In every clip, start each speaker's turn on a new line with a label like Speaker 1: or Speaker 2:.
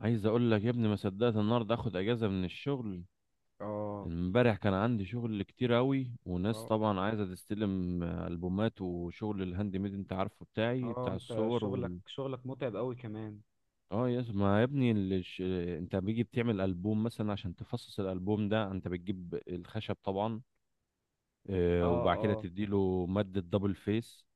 Speaker 1: عايز اقول لك يا ابني، ما صدقت النهارده اخد اجازه من الشغل.
Speaker 2: اه،
Speaker 1: امبارح كان عندي شغل كتير قوي، وناس
Speaker 2: اه،
Speaker 1: طبعا عايزه تستلم، البومات وشغل الهاند ميد. انت عارفه بتاعي،
Speaker 2: اه،
Speaker 1: بتاع
Speaker 2: انت
Speaker 1: الصور
Speaker 2: شغلك شغلك متعب قوي كمان.
Speaker 1: اه يا ما يا ابني الش... انت بيجي بتعمل البوم مثلا، عشان تفصص الالبوم ده انت بتجيب الخشب طبعا.
Speaker 2: اه،
Speaker 1: وبعد كده
Speaker 2: اه،
Speaker 1: تديله ماده دبل فيس.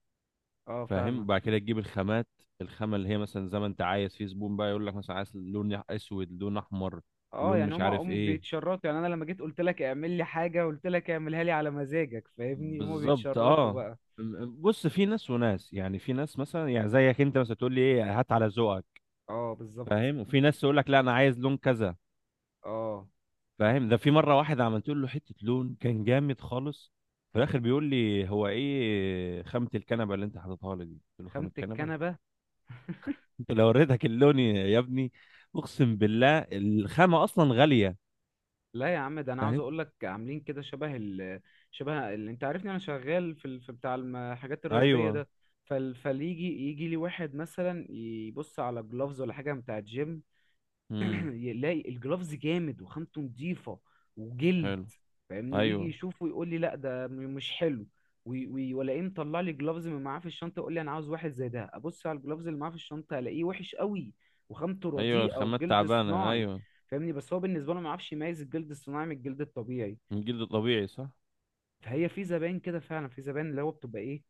Speaker 2: اه،
Speaker 1: فاهم؟ بعد
Speaker 2: فاهمك.
Speaker 1: كده تجيب الخامات، الخامه اللي هي مثلا زي ما انت عايز. في زبون بقى يقول لك مثلا، عايز لون اسود، لون احمر،
Speaker 2: اه،
Speaker 1: لون
Speaker 2: يعني
Speaker 1: مش
Speaker 2: هما
Speaker 1: عارف
Speaker 2: هم
Speaker 1: ايه.
Speaker 2: بيتشرطوا. يعني انا لما جيت قلت لك اعمل لي حاجه، قلت لك اعملها لي على مزاجك، فاهمني؟ هما
Speaker 1: بالظبط،
Speaker 2: بيتشرطوا
Speaker 1: اه.
Speaker 2: بقى.
Speaker 1: بص، في ناس وناس، يعني في ناس مثلا، يعني زيك انت مثلا تقول لي ايه، هات على ذوقك.
Speaker 2: اه، بالظبط.
Speaker 1: فاهم؟ وفي ناس تقول لك لا، انا عايز لون كذا.
Speaker 2: اه،
Speaker 1: فاهم؟ ده في مره، واحد عملت له حته لون كان جامد خالص، في الاخر بيقول لي هو ايه خامه الكنبه اللي انت حاططها لي دي؟ قلت له خامه
Speaker 2: خامة
Speaker 1: الكنبه.
Speaker 2: الكنبه.
Speaker 1: انت لو وريتك اللون يا ابني، اقسم بالله الخامه اصلا غاليه.
Speaker 2: لا يا عم، ده انا عاوز
Speaker 1: فاهم؟
Speaker 2: اقول لك عاملين كده شبه ال شبه اللي انت عارفني انا شغال في في بتاع الحاجات الرياضيه
Speaker 1: ايوه،
Speaker 2: ده. يجي لي واحد مثلا يبص على جلوفز ولا حاجه بتاع جيم،
Speaker 1: امم،
Speaker 2: يلاقي الجرافز جامد وخامته نضيفة وجلد.
Speaker 1: حلو،
Speaker 2: فاهمني؟ ويجي
Speaker 1: ايوه،
Speaker 2: يشوفه يقول لي لا ده مش حلو. ولاقيه مطلع لي جلافز من معاه في الشنطة، يقول لي انا عاوز واحد زي ده. ابص على الجلافز اللي معاه في الشنطة، الاقيه وحش قوي وخامته
Speaker 1: ايوه،
Speaker 2: رديئة
Speaker 1: الخامات
Speaker 2: وجلد
Speaker 1: تعبانه،
Speaker 2: صناعي.
Speaker 1: ايوه،
Speaker 2: فاهمني؟ بس هو بالنسبة له ما يعرفش يميز الجلد الصناعي من الجلد الطبيعي.
Speaker 1: من جلد طبيعي صح.
Speaker 2: فهي في زباين كده فعلا، في زباين اللي هو بتبقى ايه،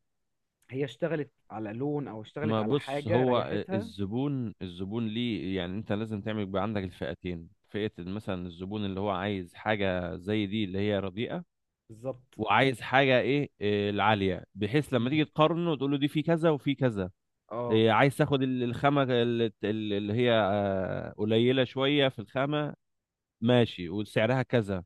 Speaker 2: هي اشتغلت على لون او اشتغلت
Speaker 1: ما
Speaker 2: على
Speaker 1: بص
Speaker 2: حاجة
Speaker 1: هو
Speaker 2: ريحتها.
Speaker 1: الزبون ليه، يعني انت لازم تعمل بقى عندك الفئتين، فئة مثلا الزبون اللي هو عايز حاجة زي دي، اللي هي رديئة،
Speaker 2: بالظبط.
Speaker 1: وعايز حاجة ايه إيه، العالية، بحيث لما
Speaker 2: مم.
Speaker 1: تيجي تقارنه تقول له دي في كذا وفي كذا.
Speaker 2: اه،
Speaker 1: عايز تاخد الخامة اللي هي قليلة شوية في الخامة. ماشي، وسعرها كذا،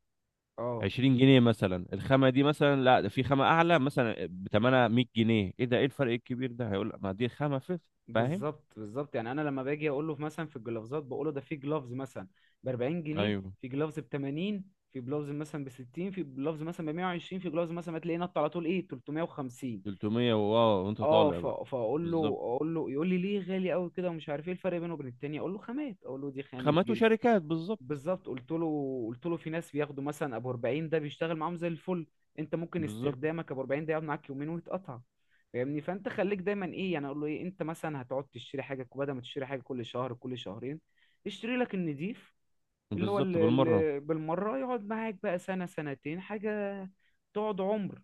Speaker 2: اه،
Speaker 1: 20 جنيه مثلا الخامة دي، مثلا. لا، ده في خامة أعلى مثلا بتمنها 100 جنيه. ايه ده؟ ايه الفرق الكبير ده؟ هيقول لك ما دي خامة فيه. فاهم؟
Speaker 2: بالظبط، بالظبط. يعني انا لما باجي اقول له مثلا في الجلافزات، بقول له ده في جلافز مثلا ب 40 جنيه،
Speaker 1: ايوه.
Speaker 2: في جلافز ب 80، في جلافز مثلا ب 60، في جلافز مثلا ب 120، في جلافز مثلا هتلاقيه نط على طول ايه 350.
Speaker 1: 300، واه، وانت
Speaker 2: اه،
Speaker 1: طالع بقى.
Speaker 2: فاقول له،
Speaker 1: بالظبط.
Speaker 2: اقول له يقول لي ليه غالي قوي كده ومش عارف ايه الفرق بينه وبين التاني. اقول له خامات، اقول له دي خامة
Speaker 1: خامات
Speaker 2: جلد.
Speaker 1: وشركات، بالظبط،
Speaker 2: بالظبط. قلت له في ناس بياخدوا مثلا ابو 40 ده، بيشتغل معاهم زي الفل. انت ممكن
Speaker 1: بالظبط،
Speaker 2: استخدامك ابو 40 ده يقعد معاك يومين ويتقطع. فاهمني؟ فانت خليك دايما ايه، يعني اقول له ايه، انت مثلا هتقعد تشتري حاجه، بدل ما تشتري حاجه كل شهر كل شهرين، اشتري لك النضيف اللي هو
Speaker 1: بالظبط، بالمره،
Speaker 2: اللي بالمره، يقعد معاك بقى سنه سنتين حاجه، تقعد عمر.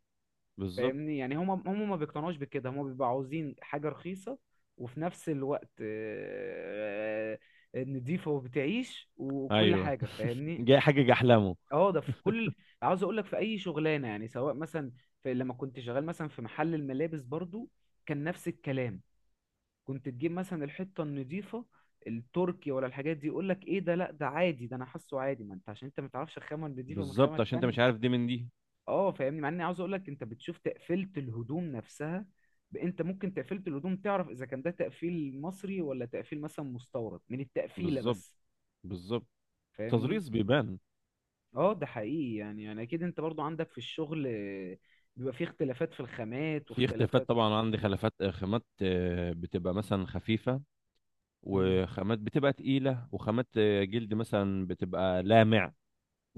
Speaker 1: بالظبط،
Speaker 2: فاهمني؟ يعني هم ما بيقتنعوش بكده، هم بيبقوا عاوزين حاجة رخيصة وفي نفس الوقت نضيفة وبتعيش وكل
Speaker 1: ايوه.
Speaker 2: حاجة. فاهمني؟
Speaker 1: جاي حاجه جحلمه.
Speaker 2: اه، ده في كل، عاوز اقول لك في اي شغلانة، يعني سواء مثلا في لما كنت شغال مثلا في محل الملابس برضو، كان نفس الكلام. كنت تجيب مثلا الحتة النضيفة، التركي ولا الحاجات دي، يقول لك ايه ده، لا ده عادي، ده انا حاسه عادي. ما انت عشان انت ما تعرفش الخامة النضيفة من الخامة
Speaker 1: بالظبط، عشان انت
Speaker 2: التانية.
Speaker 1: مش عارف دي من دي.
Speaker 2: اه، فاهمني؟ مع اني عاوز اقول لك انت بتشوف تقفيله الهدوم نفسها، انت ممكن تقفيله الهدوم تعرف اذا كان ده تقفيل مصري ولا تقفيل مثلا مستورد، من التقفيله
Speaker 1: بالظبط،
Speaker 2: بس.
Speaker 1: بالظبط،
Speaker 2: فاهمني؟
Speaker 1: تظريف بيبان.
Speaker 2: اه، ده حقيقي. يعني اكيد انت برضو عندك في الشغل بيبقى فيه اختلافات في الخامات
Speaker 1: في اختلافات
Speaker 2: واختلافات.
Speaker 1: طبعا، عندي خلافات خامات بتبقى مثلا خفيفه،
Speaker 2: امم.
Speaker 1: وخامات بتبقى تقيله، وخامات جلد مثلا بتبقى لامع،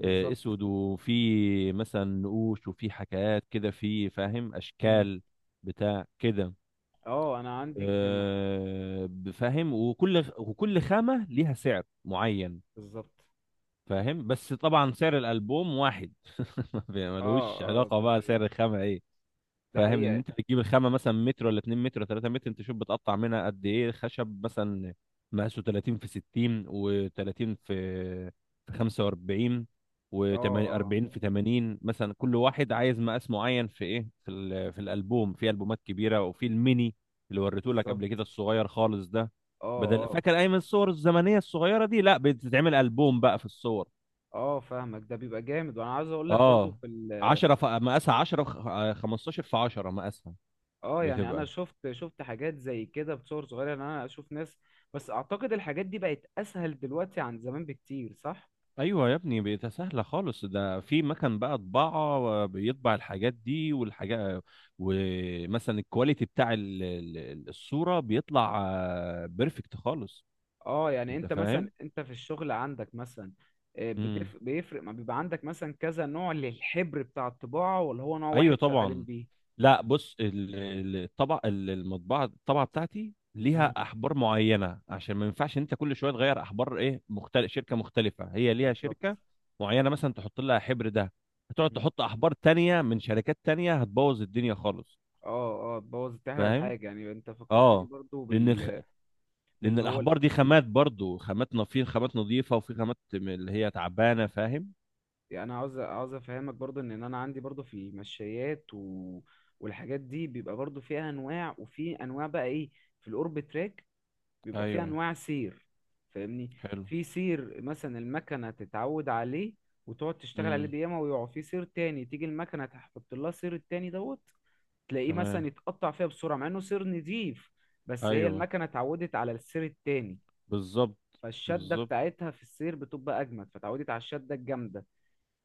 Speaker 1: اسود، وفي مثلا نقوش، وفي حكايات كده، في فاهم
Speaker 2: امم.
Speaker 1: اشكال بتاع كده.
Speaker 2: اه، انا عندي في
Speaker 1: فاهم، وكل خامة ليها سعر معين.
Speaker 2: بالظبط.
Speaker 1: فاهم، بس طبعا سعر الألبوم واحد.
Speaker 2: اه،
Speaker 1: ملوش
Speaker 2: اه،
Speaker 1: علاقة
Speaker 2: ده
Speaker 1: بقى سعر الخامة، ايه.
Speaker 2: ده
Speaker 1: فاهم، لان
Speaker 2: حقيقة.
Speaker 1: انت بتجيب الخامه مثلا متر ولا 2 متر ولا 3 متر، انت شوف بتقطع منها قد ايه. خشب مثلا مقاسه 30 في 60، و30 في في 45،
Speaker 2: اه، اه،
Speaker 1: و40 في 80 مثلا، كل واحد عايز مقاس معين. في ايه، في في الالبوم، في البومات كبيره وفي الميني اللي وريته لك
Speaker 2: بالظبط.
Speaker 1: قبل كده، الصغير خالص ده.
Speaker 2: اه،
Speaker 1: بدل،
Speaker 2: اه،
Speaker 1: فاكر اي من الصور الزمنيه الصغيره دي، لا، بتتعمل البوم بقى في الصور.
Speaker 2: اه، فاهمك. ده بيبقى جامد، وانا عاوز اقول لك برضو
Speaker 1: اه،
Speaker 2: في
Speaker 1: 10 في مقاسها 10، 15 في 10 مقاسها
Speaker 2: اه، يعني انا
Speaker 1: بتبقى.
Speaker 2: شفت حاجات زي كده بصور صغيره، ان انا اشوف ناس. بس اعتقد الحاجات دي بقت اسهل دلوقتي عن زمان بكتير، صح؟
Speaker 1: ايوه يا ابني، بقت سهله خالص، ده في مكان بقى طباعه بيطبع الحاجات دي والحاجات، ومثلا الكواليتي بتاع الصوره بيطلع بيرفكت خالص.
Speaker 2: اه، يعني
Speaker 1: انت
Speaker 2: انت مثلا
Speaker 1: فاهم.
Speaker 2: انت في الشغل عندك مثلا
Speaker 1: امم.
Speaker 2: بيفرق ما بيبقى عندك مثلا كذا نوع للحبر بتاع الطباعه، ولا هو نوع
Speaker 1: ايوه
Speaker 2: واحد شغالين
Speaker 1: طبعا.
Speaker 2: بيه؟
Speaker 1: لا، بص، الطبع، المطبعه، الطبعه بتاعتي
Speaker 2: مم.
Speaker 1: ليها احبار معينه، عشان ما ينفعش انت كل شويه تغير احبار. ايه، مختلف، شركه مختلفه، هي ليها
Speaker 2: بالظبط.
Speaker 1: شركه معينه مثلا تحط لها حبر ده، هتقعد
Speaker 2: مم.
Speaker 1: تحط احبار تانية من شركات تانية هتبوظ الدنيا خالص.
Speaker 2: اه، اه، بوظ، تحرق
Speaker 1: فاهم.
Speaker 2: الحاجه. يعني انت فكرتني
Speaker 1: اه.
Speaker 2: برضو
Speaker 1: لان الخ... لان
Speaker 2: باللي هو،
Speaker 1: الاحبار دي خامات برضو، خاماتنا في خامات نظيفه وفي خامات اللي هي تعبانه. فاهم.
Speaker 2: يعني انا عاوز افهمك برضو ان انا عندي برضو في المشايات والحاجات دي، بيبقى برضو فيها انواع، وفي انواع بقى ايه، في الاورب تراك بيبقى فيها
Speaker 1: ايوه،
Speaker 2: انواع سير. فاهمني؟
Speaker 1: حلو،
Speaker 2: في سير مثلا المكنه تتعود عليه وتقعد تشتغل عليه
Speaker 1: امم،
Speaker 2: بياما، ويقع. في سير تاني تيجي المكنه تحط لها سير التاني دوت، تلاقيه مثلا
Speaker 1: تمام،
Speaker 2: يتقطع فيها بسرعه مع انه سير نضيف. بس هي
Speaker 1: ايوه،
Speaker 2: المكنه اتعودت على السير التاني،
Speaker 1: بالظبط،
Speaker 2: فالشده
Speaker 1: بالظبط،
Speaker 2: بتاعتها في السير بتبقى اجمد، فتعودت على الشده الجامده.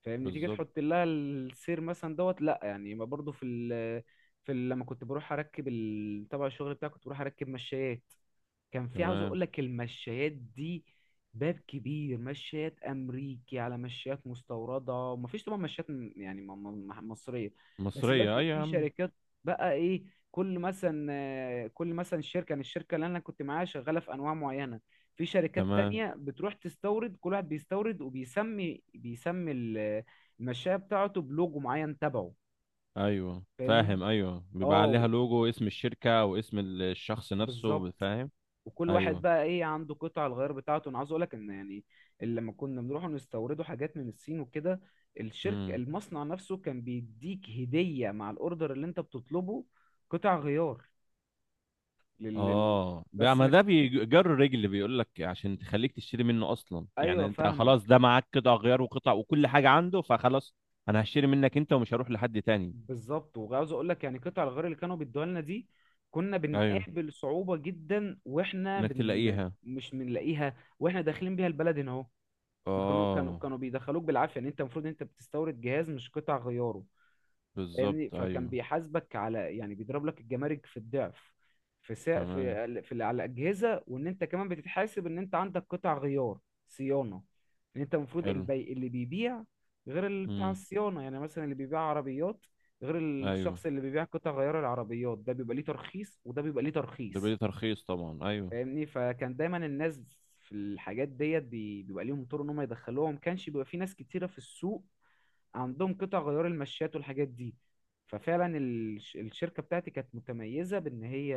Speaker 2: فاهمني؟ تيجي
Speaker 1: بالظبط،
Speaker 2: تحط لها السير مثلا دوت لا، يعني ما برضو في لما كنت بروح اركب تبع الشغل بتاعي، كنت بروح اركب مشايات. كان في، عاوز
Speaker 1: تمام،
Speaker 2: اقول لك، المشايات دي باب كبير، مشايات امريكي على مشايات مستورده، ومفيش طبعا مشايات يعني مصريه. بس يبقى
Speaker 1: مصريه ايوه
Speaker 2: في
Speaker 1: يا عم،
Speaker 2: شركات بقى ايه. كل مثلا شركه، يعني الشركه اللي انا كنت معاها شغاله في انواع معينه، في شركات
Speaker 1: تمام،
Speaker 2: تانية بتروح تستورد، كل واحد بيستورد وبيسمي، المشاية بتاعته بلوجو معين تبعه.
Speaker 1: ايوه
Speaker 2: فاهمني؟
Speaker 1: فاهم، ايوه بيبقى
Speaker 2: اه،
Speaker 1: عليها لوجو، اسم الشركه واسم الشخص نفسه.
Speaker 2: بالظبط.
Speaker 1: فاهم.
Speaker 2: وكل واحد
Speaker 1: ايوه.
Speaker 2: بقى ايه عنده قطع الغيار بتاعته. انا عاوز اقول لك ان يعني، اللي لما كنا بنروح نستوردوا حاجات من الصين وكده، الشركه،
Speaker 1: مم.
Speaker 2: المصنع نفسه كان بيديك هديه مع الاوردر اللي انت بتطلبه، قطع غيار لل... لل-
Speaker 1: اه، بقى
Speaker 2: بس
Speaker 1: ما
Speaker 2: ما...
Speaker 1: ده بيجر رجل، بيقول لك عشان تخليك تشتري منه اصلا. يعني
Speaker 2: ايوه،
Speaker 1: انت خلاص
Speaker 2: فاهمك.
Speaker 1: ده معاك قطع غيار وقطع وكل حاجه عنده، فخلاص انا هشتري منك انت ومش هروح لحد تاني.
Speaker 2: بالظبط. وعاوز اقول لك يعني قطع الغيار اللي كانوا بيدوها لنا دي، كنا
Speaker 1: ايوه،
Speaker 2: بنقابل صعوبه جدا، واحنا
Speaker 1: انك تلاقيها.
Speaker 2: مش بنلاقيها واحنا داخلين بيها البلد هنا اهو. ما كانوا كانوا
Speaker 1: اه،
Speaker 2: كانوا بيدخلوك بالعافيه. يعني انت المفروض انت بتستورد جهاز مش قطع غياره. فاهمني؟
Speaker 1: بالظبط،
Speaker 2: فكان
Speaker 1: ايوه،
Speaker 2: بيحاسبك على، يعني بيضرب لك الجمارك في الضعف في سا...
Speaker 1: تمام،
Speaker 2: في ال- في ال- على الاجهزه، وان انت كمان بتتحاسب ان انت عندك قطع غيار صيانه، ان انت المفروض
Speaker 1: حلو،
Speaker 2: اللي بيبيع غير اللي بتاع
Speaker 1: امم،
Speaker 2: الصيانه. يعني مثلا اللي بيبيع عربيات غير
Speaker 1: ايوه،
Speaker 2: الشخص اللي بيبيع قطع غيار العربيات، ده بيبقى ليه ترخيص وده بيبقى ليه
Speaker 1: ده
Speaker 2: ترخيص.
Speaker 1: بيدي ترخيص طبعا، ايوه.
Speaker 2: فاهمني؟ فكان دايما الناس في الحاجات ديت بيبقى ليهم طرق ان هم يدخلوها، وما كانش بيبقى في ناس كتيره في السوق عندهم قطع غيار المشات والحاجات دي. ففعلا الشركة بتاعتي كانت متميزة بان هي.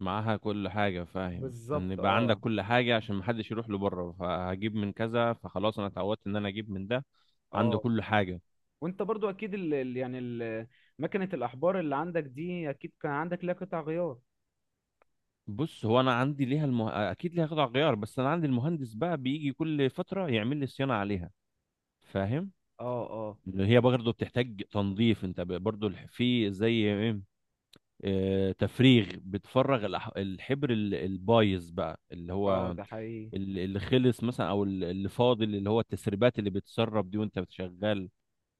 Speaker 1: معاها كل حاجه، فاهم، ان
Speaker 2: بالظبط.
Speaker 1: يبقى عندك
Speaker 2: اه،
Speaker 1: كل حاجه عشان محدش يروح له بره، فهجيب من كذا، فخلاص انا اتعودت ان انا اجيب من ده، عنده
Speaker 2: اه،
Speaker 1: كل حاجه.
Speaker 2: وانت برضو اكيد يعني مكنة الاحبار اللي عندك دي، اكيد كان عندك لها قطع غيار.
Speaker 1: بص هو انا عندي ليها اكيد ليها قطع غيار، بس انا عندي المهندس بقى بيجي كل فتره يعمل لي صيانه عليها. فاهم.
Speaker 2: اه، اه،
Speaker 1: اللي هي برضه بتحتاج تنظيف، انت برضه في زي ايه، تفريغ، بتفرغ الحبر البايظ بقى، اللي
Speaker 2: اه،
Speaker 1: هو
Speaker 2: ده حقيقي.
Speaker 1: اللي خلص مثلا، او اللي فاضل، اللي هو التسريبات اللي بتسرب دي وانت بتشغل.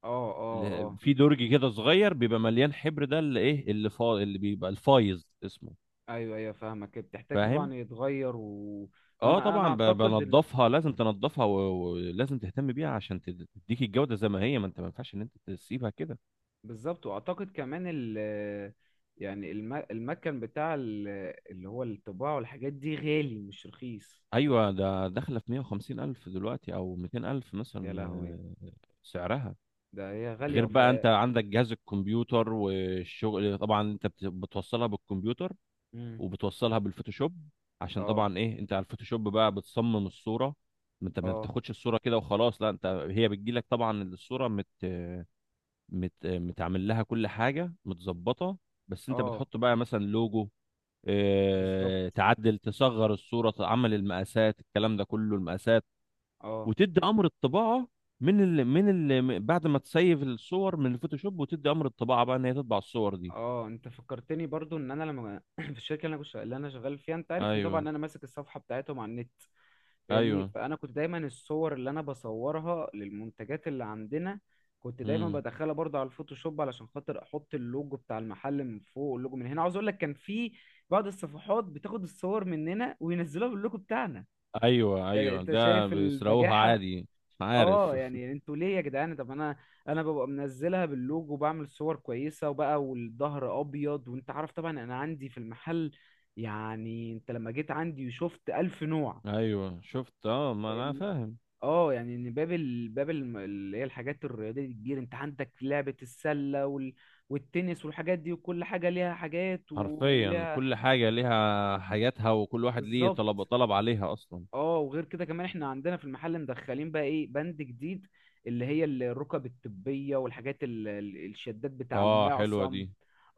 Speaker 2: اه، اه، اه،
Speaker 1: في درج كده صغير بيبقى مليان حبر، ده اللي ايه، اللي فاضل، اللي بيبقى الفايظ اسمه.
Speaker 2: ايوه، ايوه، فاهمك. بتحتاج
Speaker 1: فاهم.
Speaker 2: طبعا يتغير
Speaker 1: اه
Speaker 2: وانا انا
Speaker 1: طبعا،
Speaker 2: اعتقد
Speaker 1: بنضفها، لازم تنضفها، ولازم تهتم بيها عشان تديك الجودة زي ما هي. ما انت، ما ينفعش ان انت تسيبها كده.
Speaker 2: بالظبط. واعتقد كمان يعني المكن بتاع اللي هو الطباعة والحاجات دي، غالي مش رخيص.
Speaker 1: ايوه، ده داخلة في 150 الف دلوقتي او 200 الف
Speaker 2: يا
Speaker 1: مثلا،
Speaker 2: لهوي،
Speaker 1: سعرها.
Speaker 2: ده هي غالية
Speaker 1: غير بقى، انت عندك جهاز الكمبيوتر، والشغل طبعا انت بتوصلها بالكمبيوتر،
Speaker 2: مم.
Speaker 1: وبتوصلها بالفوتوشوب، عشان
Speaker 2: اه،
Speaker 1: طبعا ايه، انت على الفوتوشوب بقى بتصمم الصورة. ما انت ما
Speaker 2: اه،
Speaker 1: بتاخدش الصورة كده وخلاص، لا، انت هي بتجيلك طبعا الصورة متعمل لها كل حاجه متظبطه، بس انت
Speaker 2: اه،
Speaker 1: بتحط بقى مثلا لوجو،
Speaker 2: بالظبط.
Speaker 1: اه... تعدل، تصغر الصوره، تعمل المقاسات، الكلام ده كله المقاسات،
Speaker 2: اه،
Speaker 1: وتدي امر الطباعه بعد ما تسيف الصور من الفوتوشوب، وتدي امر الطباعه بقى ان هي تطبع الصور دي.
Speaker 2: اه، انت فكرتني برضو ان انا لما في الشركة اللي انا شغال فيها، انت عارفني طبعا،
Speaker 1: ايوه،
Speaker 2: إن انا ماسك الصفحة بتاعتهم على النت. فاهمني؟
Speaker 1: ايوه،
Speaker 2: فانا كنت دايما الصور اللي انا بصورها للمنتجات اللي عندنا، كنت دايما
Speaker 1: امم،
Speaker 2: بدخلها برضو على الفوتوشوب علشان خاطر احط اللوجو بتاع المحل من فوق. اللوجو من هنا، عاوز اقول لك كان في بعض الصفحات بتاخد الصور مننا وينزلوها باللوجو بتاعنا.
Speaker 1: ايوه، ايوه،
Speaker 2: انت
Speaker 1: ده
Speaker 2: شايف
Speaker 1: بيسرقوها
Speaker 2: البجاحة؟
Speaker 1: عادي. عارف.
Speaker 2: اه، يعني انتوا ليه يا جدعان؟ طب انا ببقى منزلها باللوجو، وبعمل صور كويسه وبقى والظهر ابيض، وانت عارف طبعا انا عندي في المحل، يعني انت لما جيت عندي وشفت الف نوع.
Speaker 1: ايوه شفت، اه، ما انا
Speaker 2: فاهمني؟
Speaker 1: فاهم.
Speaker 2: اه، يعني ان باب ال... باب الم- اللي هي الحاجات الرياضيه دي كتير. انت عندك لعبه السله والتنس والحاجات دي، وكل حاجه ليها حاجات
Speaker 1: حرفيا
Speaker 2: وليها.
Speaker 1: كل حاجة ليها حاجاتها، وكل واحد ليه
Speaker 2: بالظبط.
Speaker 1: طلب عليها اصلا.
Speaker 2: اه، وغير كده كمان احنا عندنا في المحل مدخلين بقى ايه بند جديد، اللي هي الركب الطبية والحاجات الشدات بتاع
Speaker 1: اه، حلوه
Speaker 2: المعصم.
Speaker 1: دي.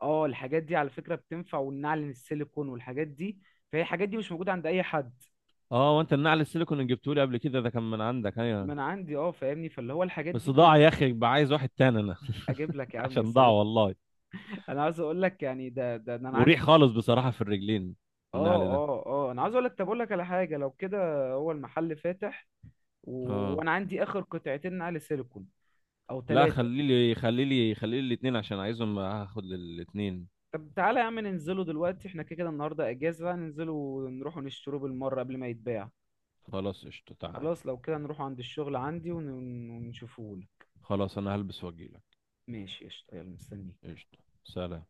Speaker 2: اه، الحاجات دي على فكرة بتنفع، والنعل السيليكون والحاجات دي. فهي الحاجات دي مش موجودة عند اي حد.
Speaker 1: اه، وانت النعل السيليكون اللي جبته لي قبل كده ده، كان من عندك،
Speaker 2: ما
Speaker 1: ايوه،
Speaker 2: انا عندي. اه، فاهمني؟ فاللي هو الحاجات دي
Speaker 1: بس ضاع يا
Speaker 2: كلها.
Speaker 1: اخي، يبقى عايز واحد تاني انا.
Speaker 2: اجيب لك يا عم، يا
Speaker 1: عشان ضاع،
Speaker 2: سلام!
Speaker 1: والله
Speaker 2: انا عاوز اقول لك يعني ده انا
Speaker 1: مريح
Speaker 2: عندي.
Speaker 1: خالص بصراحه في الرجلين النعل ده.
Speaker 2: اه، اه، اه، انا عاوز اقول لك. طب اقول لك على حاجة لو كده، هو المحل فاتح؟ و...
Speaker 1: اه،
Speaker 2: وانا عندي اخر قطعتين نعل سيليكون او
Speaker 1: لا،
Speaker 2: ثلاثة.
Speaker 1: خلي لي خلي لي خلي لي الاثنين عشان عايزهم، هاخد الاثنين.
Speaker 2: طب تعالى يا عم ننزله دلوقتي، احنا كده كده النهارده اجازه بقى، ننزله ونروح نشتروه بالمره قبل ما يتباع.
Speaker 1: خلاص، قشطه، تعال.
Speaker 2: خلاص لو كده نروح عند الشغل عندي ونشوفه.
Speaker 1: خلاص، انا هلبس واجيلك.
Speaker 2: ماشي، قشطه، يلا مستنيك.
Speaker 1: قشطه. سلام.